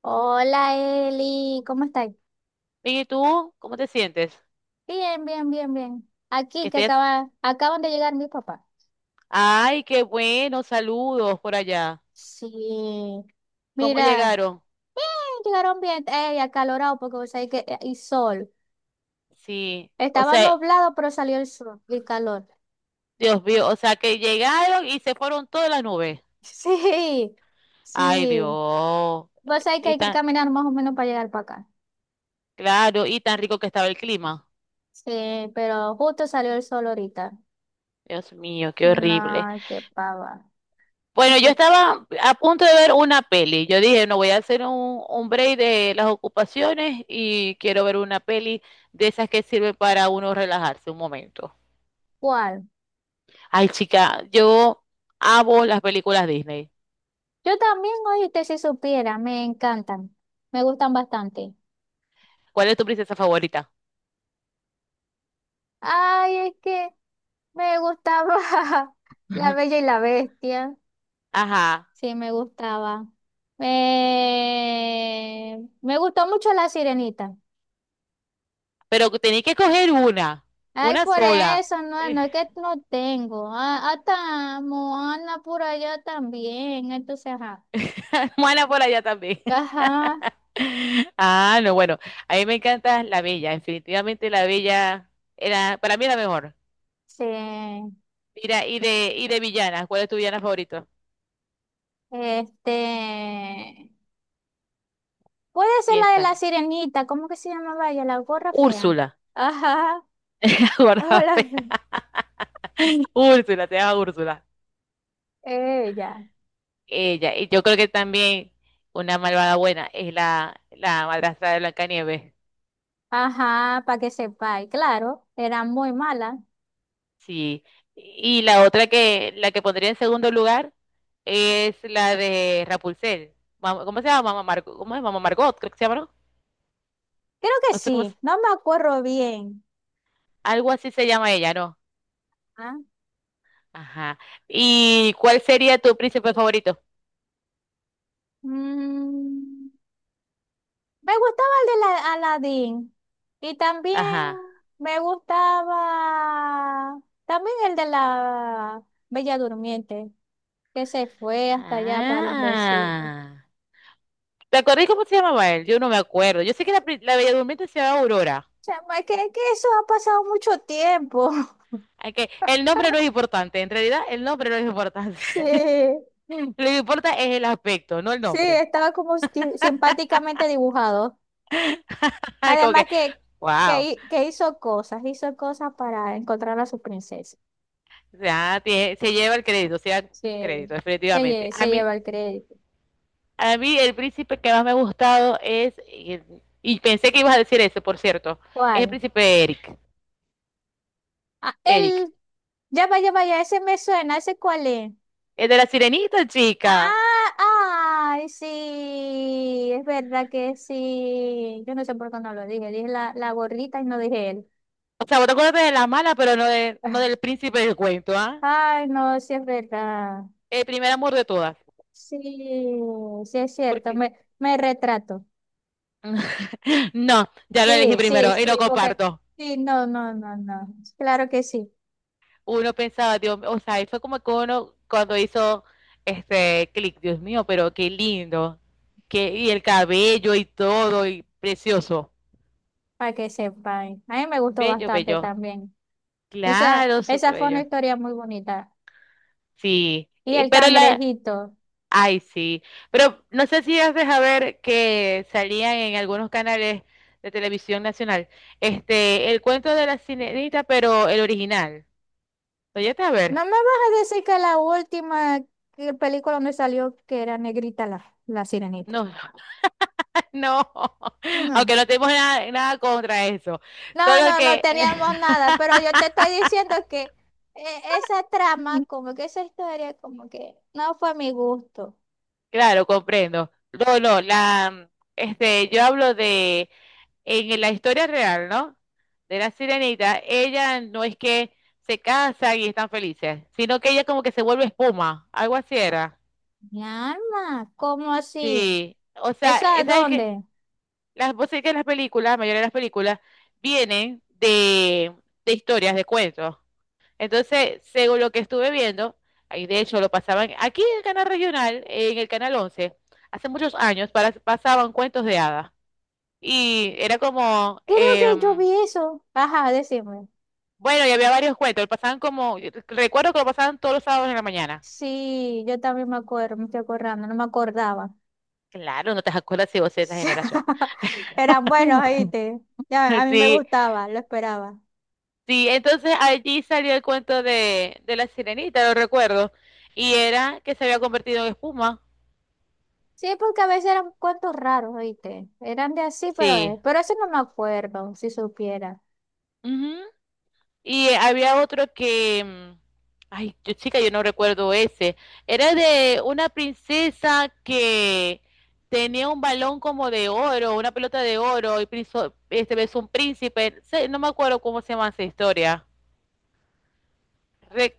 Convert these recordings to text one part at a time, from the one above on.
Hola Eli, ¿cómo estás? ¿Y tú cómo te sientes? Bien, bien, bien, bien. Que Aquí que estés. Acaban de llegar mis papás. Ay, qué bueno, saludos por allá. Sí, ¿Cómo mira, llegaron? llegaron bien, acalorado porque vos sabés que y sol. Sí, o Estaba sea, nublado, pero salió el sol y el calor. Dios mío, o sea que llegaron y se fueron todas las nubes. Sí, Ay, sí. Dios. Vos sabés que Y hay que tan, caminar más o menos para llegar para acá. claro, y tan rico que estaba el clima. Sí, pero justo salió el sol ahorita. Dios mío, qué horrible. No, qué pava. Bueno, yo Mire, estaba a punto de ver una peli. Yo dije, no voy a hacer un break de las ocupaciones y quiero ver una peli de esas que sirve para uno relajarse un momento. ¿cuál? Ay, chica, yo amo las películas Disney. Yo también, oíste, si supiera, me encantan. Me gustan bastante. ¿Cuál es tu princesa favorita? Ay, es que me gustaba La Bella y la Bestia. Ajá, Sí, me gustaba. Me gustó mucho La Sirenita. pero tenéis que coger una, Ay, una por sola. eso, no, no es que no tengo. Ah, hasta Moana por allá también. Entonces, ajá. Mala por allá también. Ajá, Ah, no, bueno, a mí me encanta La Bella, definitivamente La Bella para mí era mejor. sí. Mira, y de villanas, ¿cuál es tu villana favorito? Este. Puede ser la de la Piénsalo. sirenita. ¿Cómo que se llamaba ella? La gorra fea. Úrsula. Ajá. Guarda, Hola. Úrsula, te llama Úrsula. Ella. Ella, y yo creo que también una malvada buena es la madrastra de Blancanieves. Ajá, para que sepáis, claro, era muy mala. Sí. Y la otra que, la que pondría en segundo lugar es la de Rapunzel. ¿Cómo se llama? Mamá Margot, ¿cómo es? Mamá Margot, creo que se llama, ¿no? Creo que No sé sí, no me acuerdo bien. algo así se llama ella, ¿no? ¿Ah? Ajá. ¿Y cuál sería tu príncipe favorito? Mm, me gustaba el de la Aladdin y también Ajá. me gustaba también el de la Bella Durmiente, que se fue hasta allá para los besitos. Ah. ¿Te acordás cómo se llamaba él? Yo no me acuerdo. Yo sé que la, la Bella Durmiente se llamaba Chama Aurora. sea, ma, que, es que eso ha pasado mucho tiempo. Okay. El nombre no es importante, en realidad el nombre no es importante. Sí, Lo que importa es el aspecto, no el sí, nombre. estaba como simpáticamente dibujado. Como Además que, que, que, wow. hi- que hizo cosas para encontrar a su princesa. O sea, se lleva el crédito, se lleva el Sí, crédito, definitivamente. A se mí, lleva el crédito. a mí el príncipe que más me ha gustado es, y pensé que ibas a decir ese, por cierto, es el ¿Cuál? príncipe Eric. Ah, Eric. él, ya vaya, vaya, ese me suena, ¿ese cuál es? El de la sirenita, chica. Ah, ay, sí, es verdad que sí. Yo no sé por qué no lo dije, dije la gorrita y no dije él. O sea, vos te acuerdas de la mala, pero no, de, no del príncipe del cuento, ¿ah? Ah, ay, no, sí es verdad. El primer amor de todas. Sí, sí es cierto, Porque me retrato. no, ya lo elegí Sí, sí, primero y lo sí, porque comparto. sí, no, no, no, no. Claro que sí, Uno pensaba, Dios, o sea, y fue como que uno cuando hizo este clic, Dios mío, pero qué lindo. Que, y el cabello y todo, y precioso. para que sepan. A mí me gustó Bello, bastante bello. también. Claro, súper Esa fue una bello. historia muy bonita. Sí, Y el pero la... cangrejito. Ay, sí. Pero no sé si has dejado ver que salían en algunos canales de televisión nacional, este, el cuento de la sirenita, pero el original. ¿Lo llegaste a No ver? me vas a decir que película donde salió que era negrita la sirenita. No. No, No. aunque no tenemos nada, nada contra eso. No, Solo no, no que, teníamos nada, pero yo te estoy diciendo que esa trama, como que esa historia, como que no fue a mi gusto. claro, comprendo. No, no, la, yo hablo en la historia real, ¿no? De la sirenita, ella no es que se casan y están felices, sino que ella como que se vuelve espuma, algo así era. Mi alma, ¿cómo así? Sí, o sea, ¿Esa a ¿sabes qué? dónde? Las, vos sabés que las películas, la mayoría de las películas, vienen de, historias, de cuentos. Entonces, según lo que estuve viendo, ahí de hecho lo pasaban aquí en el canal regional, en el canal 11, hace muchos años pasaban cuentos de hadas. Y era como, Creo que yo vi eso. Ajá, decime. bueno, y había varios cuentos, lo pasaban como, recuerdo que lo pasaban todos los sábados en la mañana. Sí, yo también me acuerdo, me estoy acordando, no me acordaba. Claro, no te acuerdas si vos eres de esa generación. Eran buenos, ¿oíste? Ya, a mí me Sí, gustaba, lo esperaba. sí, entonces allí salió el cuento de, la sirenita, lo recuerdo, y era que se había convertido en espuma. Sí, porque a veces eran cuentos raros, ¿oíste? Eran de así, Sí. pero eso no me acuerdo, si supiera. Y había otro que, ay, chica, yo no recuerdo ese. Era de una princesa que tenía un balón como de oro, una pelota de oro, y besó un príncipe. No me acuerdo cómo se llama esa historia.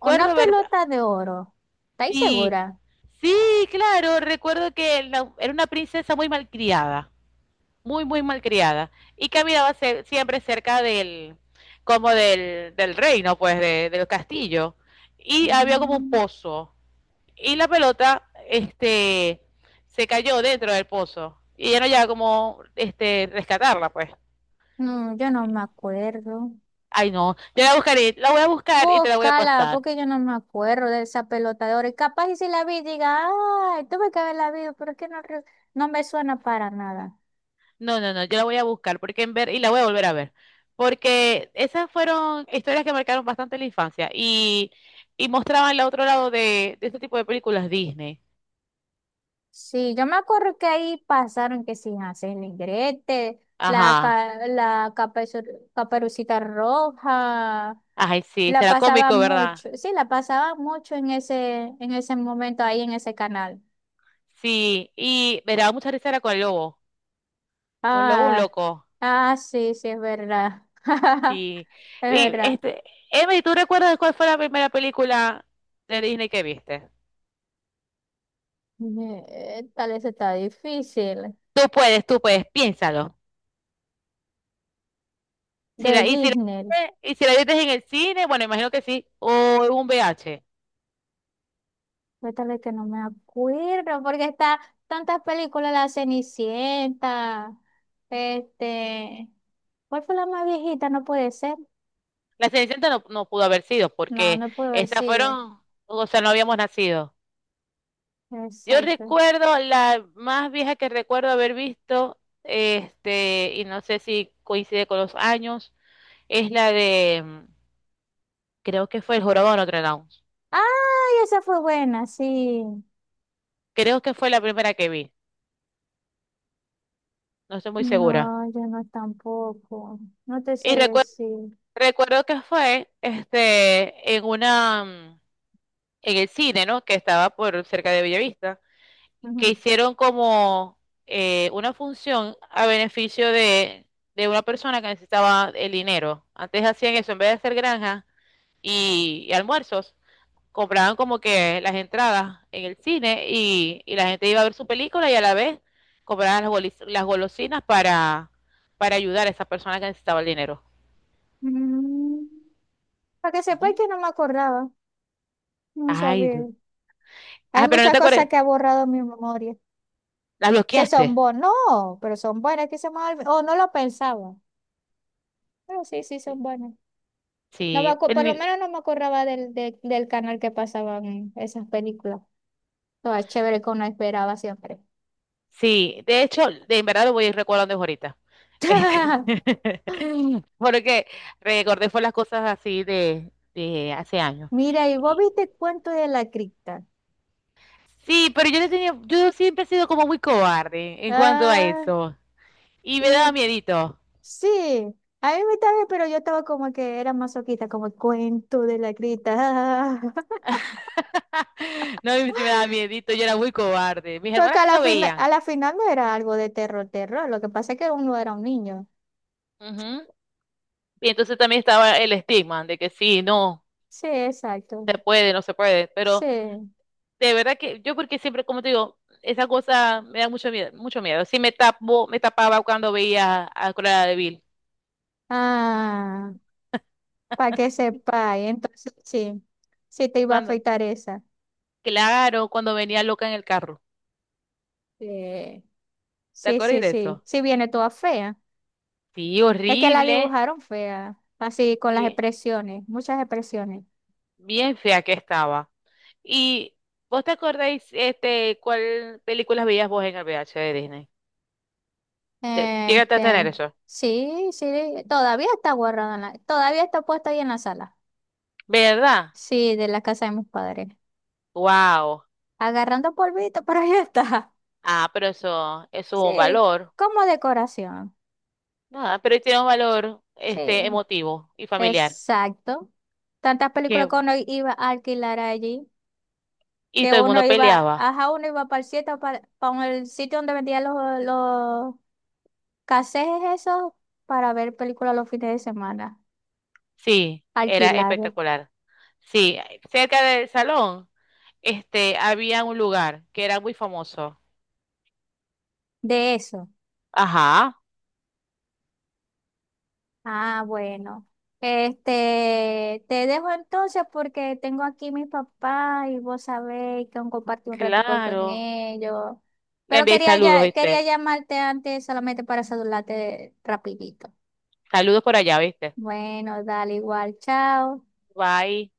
Una ver, pelota de oro. ¿Estáis sí, segura? sí, claro, recuerdo que era una princesa muy malcriada. Muy, muy malcriada y caminaba siempre cerca como del reino, pues, del castillo. Y había como un Mm, pozo y la pelota, se cayó dentro del pozo y ya no llegaba como, rescatarla, pues. No, yo no me acuerdo. Ay, no, yo la buscaré, la voy a buscar y te la voy a Búscala, pasar. porque yo no me acuerdo de esa pelota de oro. Y capaz y si la vi, diga, ay, tuve que haberla visto, pero es que no, no me suena para nada. No, no, no, yo la voy a buscar porque en ver y la voy a volver a ver. Porque esas fueron historias que marcaron bastante la infancia y mostraban el otro lado de, este tipo de películas Disney. Sí, yo me acuerdo que ahí pasaron que sin hacer Negrete, la, Ajá. ca- la caperu- caperucita roja, Ay, sí, la será pasaba cómico, ¿verdad? mucho, sí, la pasaba mucho en ese momento ahí en ese canal. Sí, y me daba mucha risa era con el lobo. Un lobo, un Ah, loco. ah, sí, sí, es verdad. Sí. Es Y verdad. este, Emily, ¿tú recuerdas cuál fue la primera película de Disney que viste? Tal vez está difícil. Tú puedes, piénsalo. Si De la, y si la, Disney. y si la viste en el cine, bueno, imagino que sí, o en un VH. Cuéntale que no me acuerdo, porque está tantas películas, La Cenicienta, este, ¿cuál fue la más viejita? No puede ser. La Cenicienta no, no pudo haber sido No, porque no puede haber esas sido. fueron, o sea, no habíamos nacido. Yo Exacto. recuerdo, la más vieja que recuerdo haber visto, este, y no sé si coincide con los años, es la creo que fue El Jorobado de Notre Dame. ¡Ay, esa fue buena! Sí. Creo que fue la primera que vi, no estoy muy segura. No, yo no tampoco. No te sé Y recuerdo, decir. recuerdo que fue, este, en el cine, ¿no? Que estaba por cerca de Bellavista, que Ujú. hicieron como una función a beneficio de, una persona que necesitaba el dinero. Antes hacían eso, en vez de hacer granjas y almuerzos. Compraban como que las entradas en el cine y la gente iba a ver su película y a la vez compraban las golosinas para ayudar a esa persona que necesitaba el dinero. Mm, para que sepa Ujú. que no me acordaba. No Ay, sabía. Hay ah, pero no muchas te cosas acuerdas, que ha borrado mi memoria. las Que son bloqueaste. buenos no, pero son buenas, que o no lo pensaba, pero sí, sí, son buenas. No me Sí, por lo menos no me acordaba del canal que pasaban esas películas. Todas chévere que uno esperaba siempre. sí, de hecho, de en verdad lo voy a ir recordando ahorita. Este, porque recordé fue las cosas así de, hace años. Mira, y vos viste cuento de la cripta. Sí, pero yo le tenía, yo siempre he sido como muy cobarde en cuanto a Ah, eso. Y me daba y miedito. sí, a mí me también, pero yo estaba como que era masoquista, como cuento de la cripta. Ah. No, a sí me daba miedito, yo era muy cobarde. Mis Porque hermanas sí lo a veían. la final no era algo de terror, terror. Lo que pasa es que uno era un niño. Ujú. Y entonces también estaba el estigma de que sí, no, Sí, exacto. se puede, no se puede. Pero Sí. de verdad que yo porque siempre, como te digo, esa cosa me da mucho miedo, mucho miedo. Sí me tapaba cuando veía a Cruella de Vil. Ah, para que sepáis. Entonces, sí. Sí te iba a Cuando, afeitar esa. claro, cuando venía loca en el carro. Sí. ¿Te Sí, acuerdas sí, de sí. eso? Sí viene toda fea. Sí, Es que la horrible. dibujaron fea. Así con las Bien, expresiones. Muchas expresiones. bien fea que estaba. ¿Y vos te acordáis este, cuál películas veías vos en el VH de Disney? Te- Llegaste a tener Este. eso. Sí, sí. Todavía está guardada en todavía está puesta ahí en la sala. ¿Verdad? Sí, de la casa de mis padres. Wow. Agarrando polvito, pero ahí está. Ah, pero eso es un Sí, valor. como decoración. Nada, pero tiene un valor Sí. este emotivo y familiar. Exacto. Tantas Qué películas que uno iba a alquilar allí, y que todo el uno mundo iba, peleaba. ajá, uno iba para el sitio, para el sitio donde vendían los casetes esos, para ver películas los fines de semana, Sí, era alquilar espectacular. Sí, cerca del salón, este, había un lugar que era muy famoso. de eso. Ajá, Ah, bueno. Este, te dejo entonces porque tengo aquí mis papás y vos sabéis que compartir un ratico con claro. ellos. Le Pero envié quería saludos, ya, quería ¿viste? llamarte antes solamente para saludarte rapidito. Saludos por allá, ¿viste? Bueno, dale igual, chao. Bye.